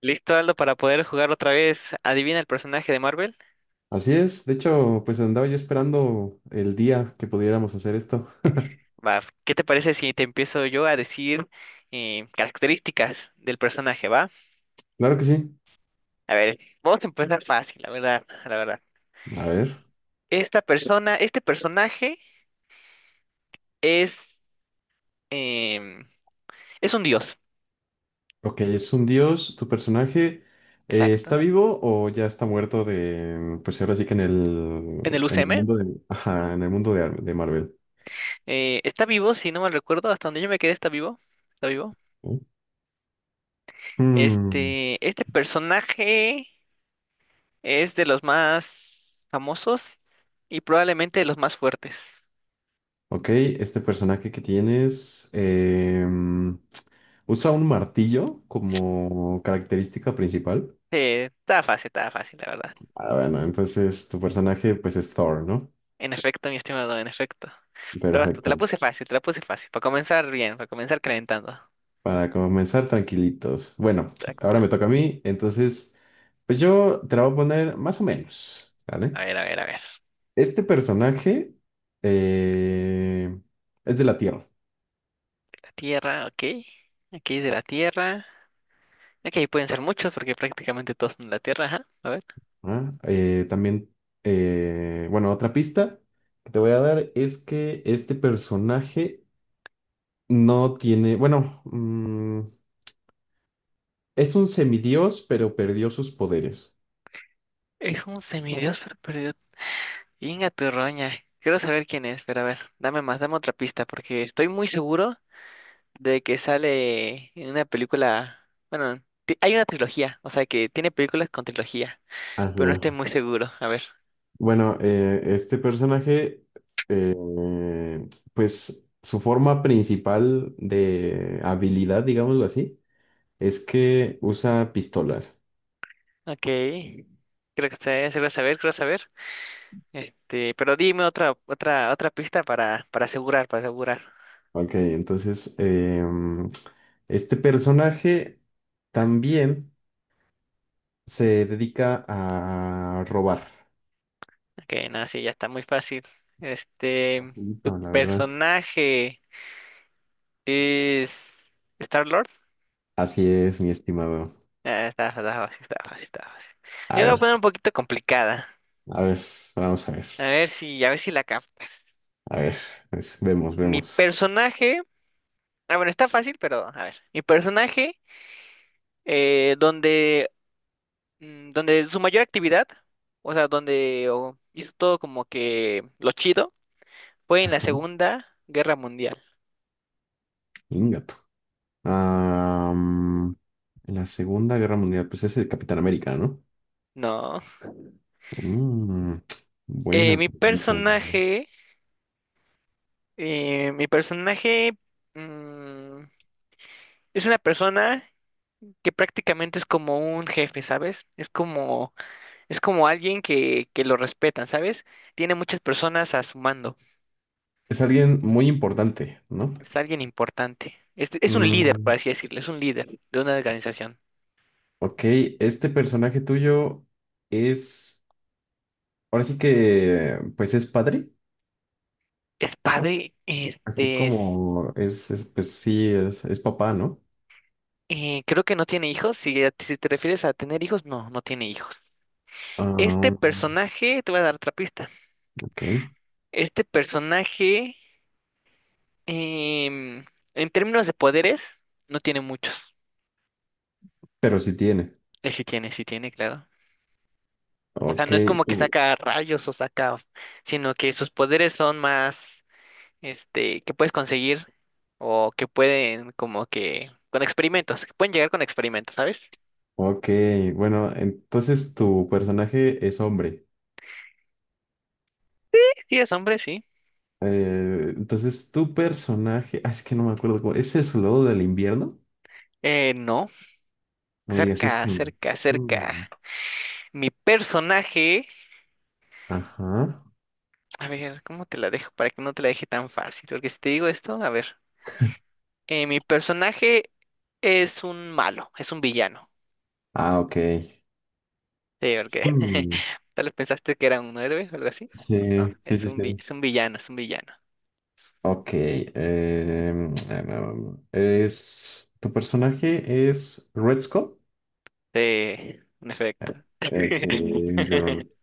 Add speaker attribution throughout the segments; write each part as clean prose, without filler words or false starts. Speaker 1: Listo, Aldo, para poder jugar otra vez. Adivina el personaje de Marvel.
Speaker 2: Así es, de hecho, pues andaba yo esperando el día que pudiéramos hacer esto.
Speaker 1: Va, ¿qué te parece si te empiezo yo a decir características del personaje, va?
Speaker 2: Claro que sí.
Speaker 1: A ver, vamos a empezar fácil, la verdad, la verdad.
Speaker 2: A ver.
Speaker 1: Este personaje es em, es un dios,
Speaker 2: Ok, es un dios. ¿Tu personaje está
Speaker 1: exacto.
Speaker 2: vivo o ya está muerto de, pues ahora sí que
Speaker 1: En el
Speaker 2: en el
Speaker 1: UCM
Speaker 2: mundo de, ajá, en el mundo de, de Marvel?
Speaker 1: está vivo, si no mal recuerdo, hasta donde yo me quedé está vivo, está vivo.
Speaker 2: ¿No? Hmm,
Speaker 1: Este personaje es de los más famosos y probablemente de los más fuertes.
Speaker 2: Ok, este personaje que tienes usa un martillo como característica principal.
Speaker 1: Sí, estaba fácil, la verdad.
Speaker 2: Ah, bueno, entonces tu personaje pues es Thor, ¿no?
Speaker 1: En efecto, mi estimado, en efecto. Pero basta, te
Speaker 2: Perfecto.
Speaker 1: la puse fácil, te la puse fácil. Para comenzar bien, para comenzar calentando.
Speaker 2: Para comenzar tranquilitos. Bueno,
Speaker 1: Exacto.
Speaker 2: ahora me toca a mí, entonces, pues yo te la voy a poner más o menos, ¿vale?
Speaker 1: A ver, a ver, a ver.
Speaker 2: Este personaje eh, es de la Tierra.
Speaker 1: La Tierra, ok. Aquí es de la Tierra. Ok, pueden ser muchos porque prácticamente todos son de la Tierra, ajá. A ver.
Speaker 2: ¿Ah? También, bueno, otra pista que te voy a dar es que este personaje no tiene, bueno, es un semidios, pero perdió sus poderes.
Speaker 1: Es un semidios pero perdido. Venga, tu roña. Quiero saber quién es, pero a ver, dame más, dame otra pista porque estoy muy seguro de que sale en una película. Bueno, hay una trilogía, o sea que tiene películas con trilogía. Pero no estoy
Speaker 2: Ajá.
Speaker 1: muy seguro. A ver,
Speaker 2: Bueno, este personaje, eh, pues su forma principal de habilidad, digámoslo así, es que usa pistolas.
Speaker 1: ok. Creo que se va a saber, creo saber. Este, pero dime otra, otra pista para asegurar, para asegurar.
Speaker 2: Ok, entonces este personaje también se dedica a robar.
Speaker 1: Ok, no, sí, ya está muy fácil. Este, tu
Speaker 2: Facilito, la verdad.
Speaker 1: personaje es Star-Lord.
Speaker 2: Así es, mi estimado.
Speaker 1: Ah, está, está fácil, está fácil, está fácil.
Speaker 2: A
Speaker 1: Yo la voy a
Speaker 2: ver,
Speaker 1: poner un poquito complicada.
Speaker 2: a ver, vamos a ver.
Speaker 1: A ver si la captas.
Speaker 2: A ver, vemos,
Speaker 1: Mi
Speaker 2: vemos.
Speaker 1: personaje, ah, bueno, está fácil, pero a ver. Mi personaje, donde donde su mayor actividad, o sea, donde o, hizo todo como que lo chido, fue en la
Speaker 2: Ajá,
Speaker 1: Segunda Guerra Mundial.
Speaker 2: ingato. Am, la Segunda Guerra Mundial, pues es el Capitán América, ¿no?
Speaker 1: No.
Speaker 2: Mm,
Speaker 1: Eh,
Speaker 2: buena
Speaker 1: mi
Speaker 2: pregunta.
Speaker 1: personaje, mi personaje mm, es una persona que prácticamente es como un jefe, ¿sabes? Es como alguien que lo respetan, ¿sabes? Tiene muchas personas a su mando.
Speaker 2: Es alguien muy importante, ¿no?
Speaker 1: Es alguien importante. Es un líder, por
Speaker 2: Mm,
Speaker 1: así decirlo, es un líder de una organización.
Speaker 2: ok, este personaje tuyo es, ahora sí que, pues es padre,
Speaker 1: Es padre,
Speaker 2: así como es, pues sí, es papá, ¿no?
Speaker 1: creo que no tiene hijos. Si, si te refieres a tener hijos, no, no tiene hijos. Este
Speaker 2: Ah,
Speaker 1: personaje, te voy a dar otra pista.
Speaker 2: ok,
Speaker 1: Este personaje, em, en términos de poderes, no tiene muchos.
Speaker 2: pero sí tiene.
Speaker 1: Sí tiene, claro. O sea,
Speaker 2: Ok,
Speaker 1: no es como que
Speaker 2: tú,
Speaker 1: saca rayos o saca, sino que sus poderes son más, este, que puedes conseguir o que pueden como que con experimentos, que pueden llegar con experimentos, ¿sabes?
Speaker 2: ok, bueno, entonces tu personaje es hombre.
Speaker 1: Sí, es hombre, sí.
Speaker 2: Entonces, tu personaje, ah, es que no me acuerdo cómo, ¿es el soldado del invierno?
Speaker 1: No.
Speaker 2: No me digas
Speaker 1: Cerca,
Speaker 2: eso.
Speaker 1: cerca, cerca.
Speaker 2: Mm.
Speaker 1: Mi personaje,
Speaker 2: Ajá.
Speaker 1: a ver, ¿cómo te la dejo para que no te la deje tan fácil? Porque si te digo esto, a ver, mi personaje es un malo, es un villano.
Speaker 2: Ah, ok.
Speaker 1: Sí, porque
Speaker 2: Mm.
Speaker 1: tal vez pensaste que era un héroe o algo así. No,
Speaker 2: Sí, sí,
Speaker 1: es
Speaker 2: sí,
Speaker 1: un
Speaker 2: sí.
Speaker 1: es un villano, es un villano.
Speaker 2: Ok. Ah, no, es, tu personaje es Red Skull.
Speaker 1: Sí, en efecto.
Speaker 2: Excelente.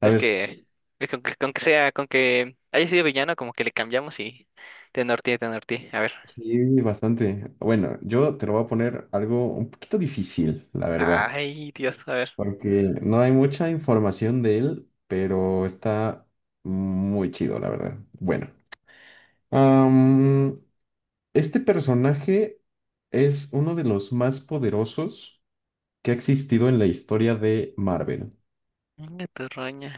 Speaker 2: A
Speaker 1: Es
Speaker 2: ver,
Speaker 1: que, es con que sea, con que haya sido villano, como que le cambiamos y te norteé, te norteé. A ver.
Speaker 2: sí, bastante. Bueno, yo te lo voy a poner algo un poquito difícil, la verdad,
Speaker 1: Ay, Dios, a ver.
Speaker 2: porque no hay mucha información de él, pero está muy chido, la verdad. Bueno, am, este personaje es uno de los más poderosos que ha existido en la historia de Marvel.
Speaker 1: Venga, tu roña.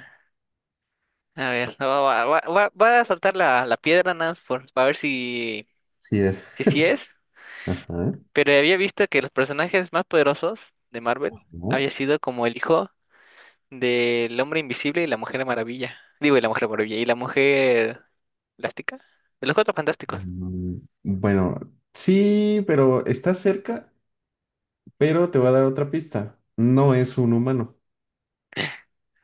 Speaker 1: A ver, no, va, va a saltar la, la piedra nada más por, para ver si,
Speaker 2: Sí es.
Speaker 1: si sí es.
Speaker 2: Ajá.
Speaker 1: Pero había visto que los personajes más poderosos de Marvel
Speaker 2: ¿No?
Speaker 1: había sido como el hijo del Hombre Invisible y la Mujer Maravilla. Digo, y la Mujer Maravilla y la Mujer Elástica. De los Cuatro Fantásticos.
Speaker 2: Mm, bueno, sí, pero está cerca, pero te voy a dar otra pista. No es un humano.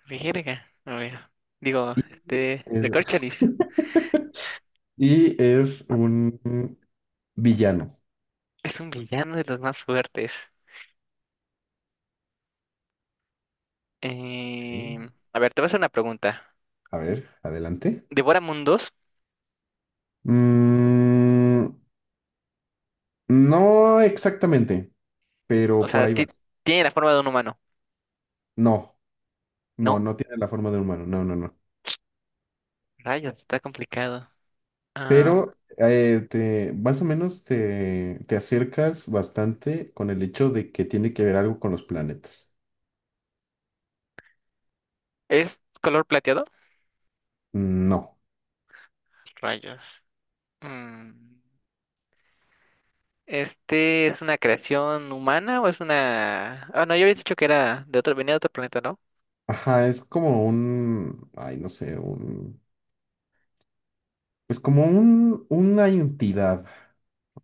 Speaker 1: Verga, a ver. Digo, este,
Speaker 2: Es-
Speaker 1: Recorcholis
Speaker 2: y es un villano.
Speaker 1: es un villano de los más fuertes.
Speaker 2: Ok.
Speaker 1: Em, a ver, te voy a hacer una pregunta.
Speaker 2: A ver, adelante.
Speaker 1: ¿Devora mundos?
Speaker 2: Mm, no exactamente,
Speaker 1: O
Speaker 2: pero por
Speaker 1: sea,
Speaker 2: ahí va.
Speaker 1: tiene la forma de un humano,
Speaker 2: No, no,
Speaker 1: ¿no?
Speaker 2: no tiene la forma de un humano, no, no, no.
Speaker 1: Rayos, está complicado. Ah,
Speaker 2: Pero te, más o menos te, te acercas bastante con el hecho de que tiene que ver algo con los planetas.
Speaker 1: ¿es color plateado?
Speaker 2: No.
Speaker 1: Rayos. Mm, ¿este es una creación humana o es una... ah, no, yo había dicho que era de otro, venía de otro planeta, ¿no?
Speaker 2: Ajá, es como un, ay, no sé, un, pues como un, una entidad,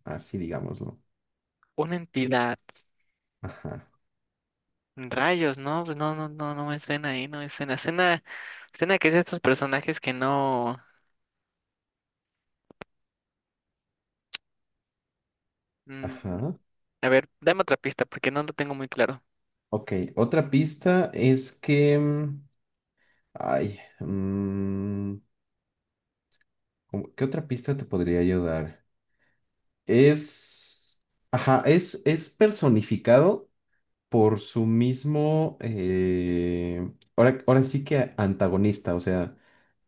Speaker 2: así digámoslo.
Speaker 1: Una entidad.
Speaker 2: Ajá,
Speaker 1: Rayos, no, pues no, no, no, no me suena ahí, no me suena. Suena, suena que es de estos personajes que no. mm,
Speaker 2: ajá.
Speaker 1: a ver, dame otra pista porque no lo tengo muy claro.
Speaker 2: Ok, otra pista es que, ay, como- ¿Qué otra pista te podría ayudar? Es, ajá, es personificado por su mismo, ahora, ahora sí que antagonista, o sea,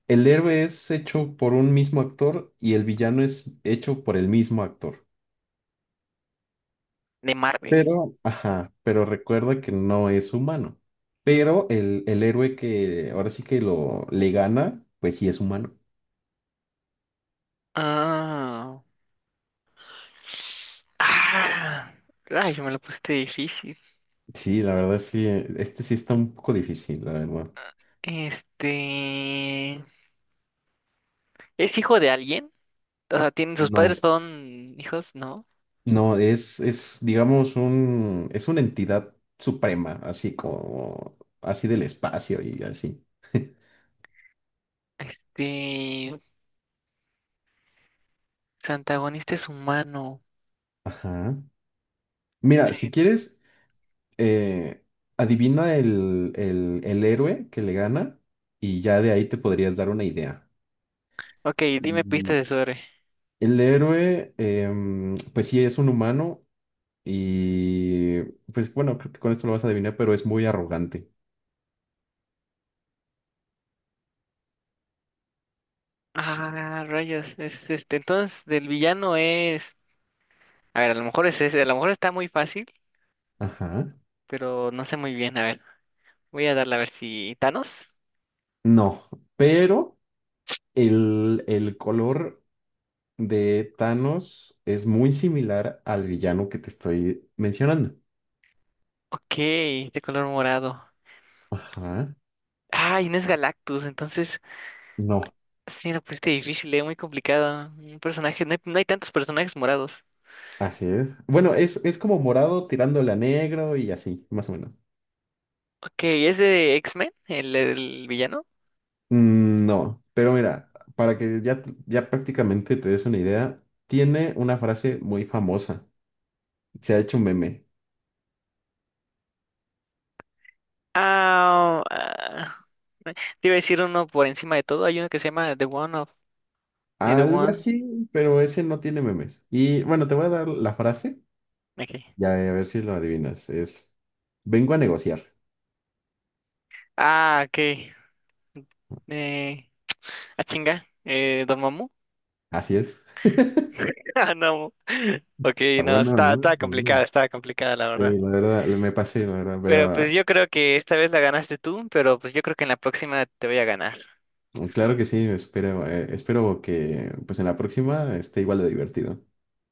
Speaker 2: el héroe es hecho por un mismo actor y el villano es hecho por el mismo actor.
Speaker 1: De Marvel.
Speaker 2: Pero, ajá, pero recuerda que no es humano. Pero el héroe que ahora sí que lo le gana, pues sí es humano.
Speaker 1: Ah. Ah. Rayo, me lo pusiste difícil.
Speaker 2: Sí, la verdad sí, este sí está un poco difícil, la verdad.
Speaker 1: Este... ¿es hijo de alguien? O sea, ¿tienen sus padres
Speaker 2: No.
Speaker 1: son hijos? ¿No?
Speaker 2: No, es, digamos, un, es una entidad suprema, así como, así del espacio y así.
Speaker 1: Este... su antagonista es humano.
Speaker 2: Ajá. Mira, si quieres, eh, adivina el héroe que le gana y ya de ahí te podrías dar una idea.
Speaker 1: Ok, dime pistas
Speaker 2: Y
Speaker 1: de sobre.
Speaker 2: el héroe, pues sí, es un humano y, pues bueno, creo que con esto lo vas a adivinar, pero es muy arrogante.
Speaker 1: Ah, rayos. Es este, entonces, del villano es. A ver, a lo mejor es ese. A lo mejor está muy fácil,
Speaker 2: Ajá.
Speaker 1: pero no sé muy bien. A ver, voy a darle a ver si. ¿Thanos?
Speaker 2: No, pero el color de Thanos es muy similar al villano que te estoy mencionando.
Speaker 1: Ok, de color morado.
Speaker 2: Ajá.
Speaker 1: Ay, no es Galactus, entonces.
Speaker 2: No,
Speaker 1: Sí, no, pues este difícil, es muy complicado. Un personaje, no hay, no hay tantos personajes morados.
Speaker 2: así es. Bueno, es como morado tirándole a negro y así, más o menos.
Speaker 1: Ok, ¿es de X-Men, el villano?
Speaker 2: Mm, no, pero mira, para que ya, ya prácticamente te des una idea, tiene una frase muy famosa. Se ha hecho un meme.
Speaker 1: Ah, ah, te iba a decir uno por encima de todo. Hay uno que se llama The One of... The
Speaker 2: Algo
Speaker 1: One...
Speaker 2: así, pero ese no tiene memes. Y bueno, te voy a dar la frase.
Speaker 1: Okay.
Speaker 2: Ya, a ver si lo adivinas. Es, vengo a negociar.
Speaker 1: Ah, ok. Eh, ah, chinga. ¿Don Mamu?
Speaker 2: Así es. Está
Speaker 1: Ah, no. Ok, no,
Speaker 2: bueno,
Speaker 1: está,
Speaker 2: ¿no? Está bueno.
Speaker 1: está complicada, la verdad.
Speaker 2: Sí, la verdad, me pasé, la
Speaker 1: Pero
Speaker 2: verdad,
Speaker 1: pues yo creo que esta vez la ganaste tú, pero pues yo creo que en la próxima te voy a ganar.
Speaker 2: pero claro que sí, espero, espero que pues en la próxima esté igual de divertido.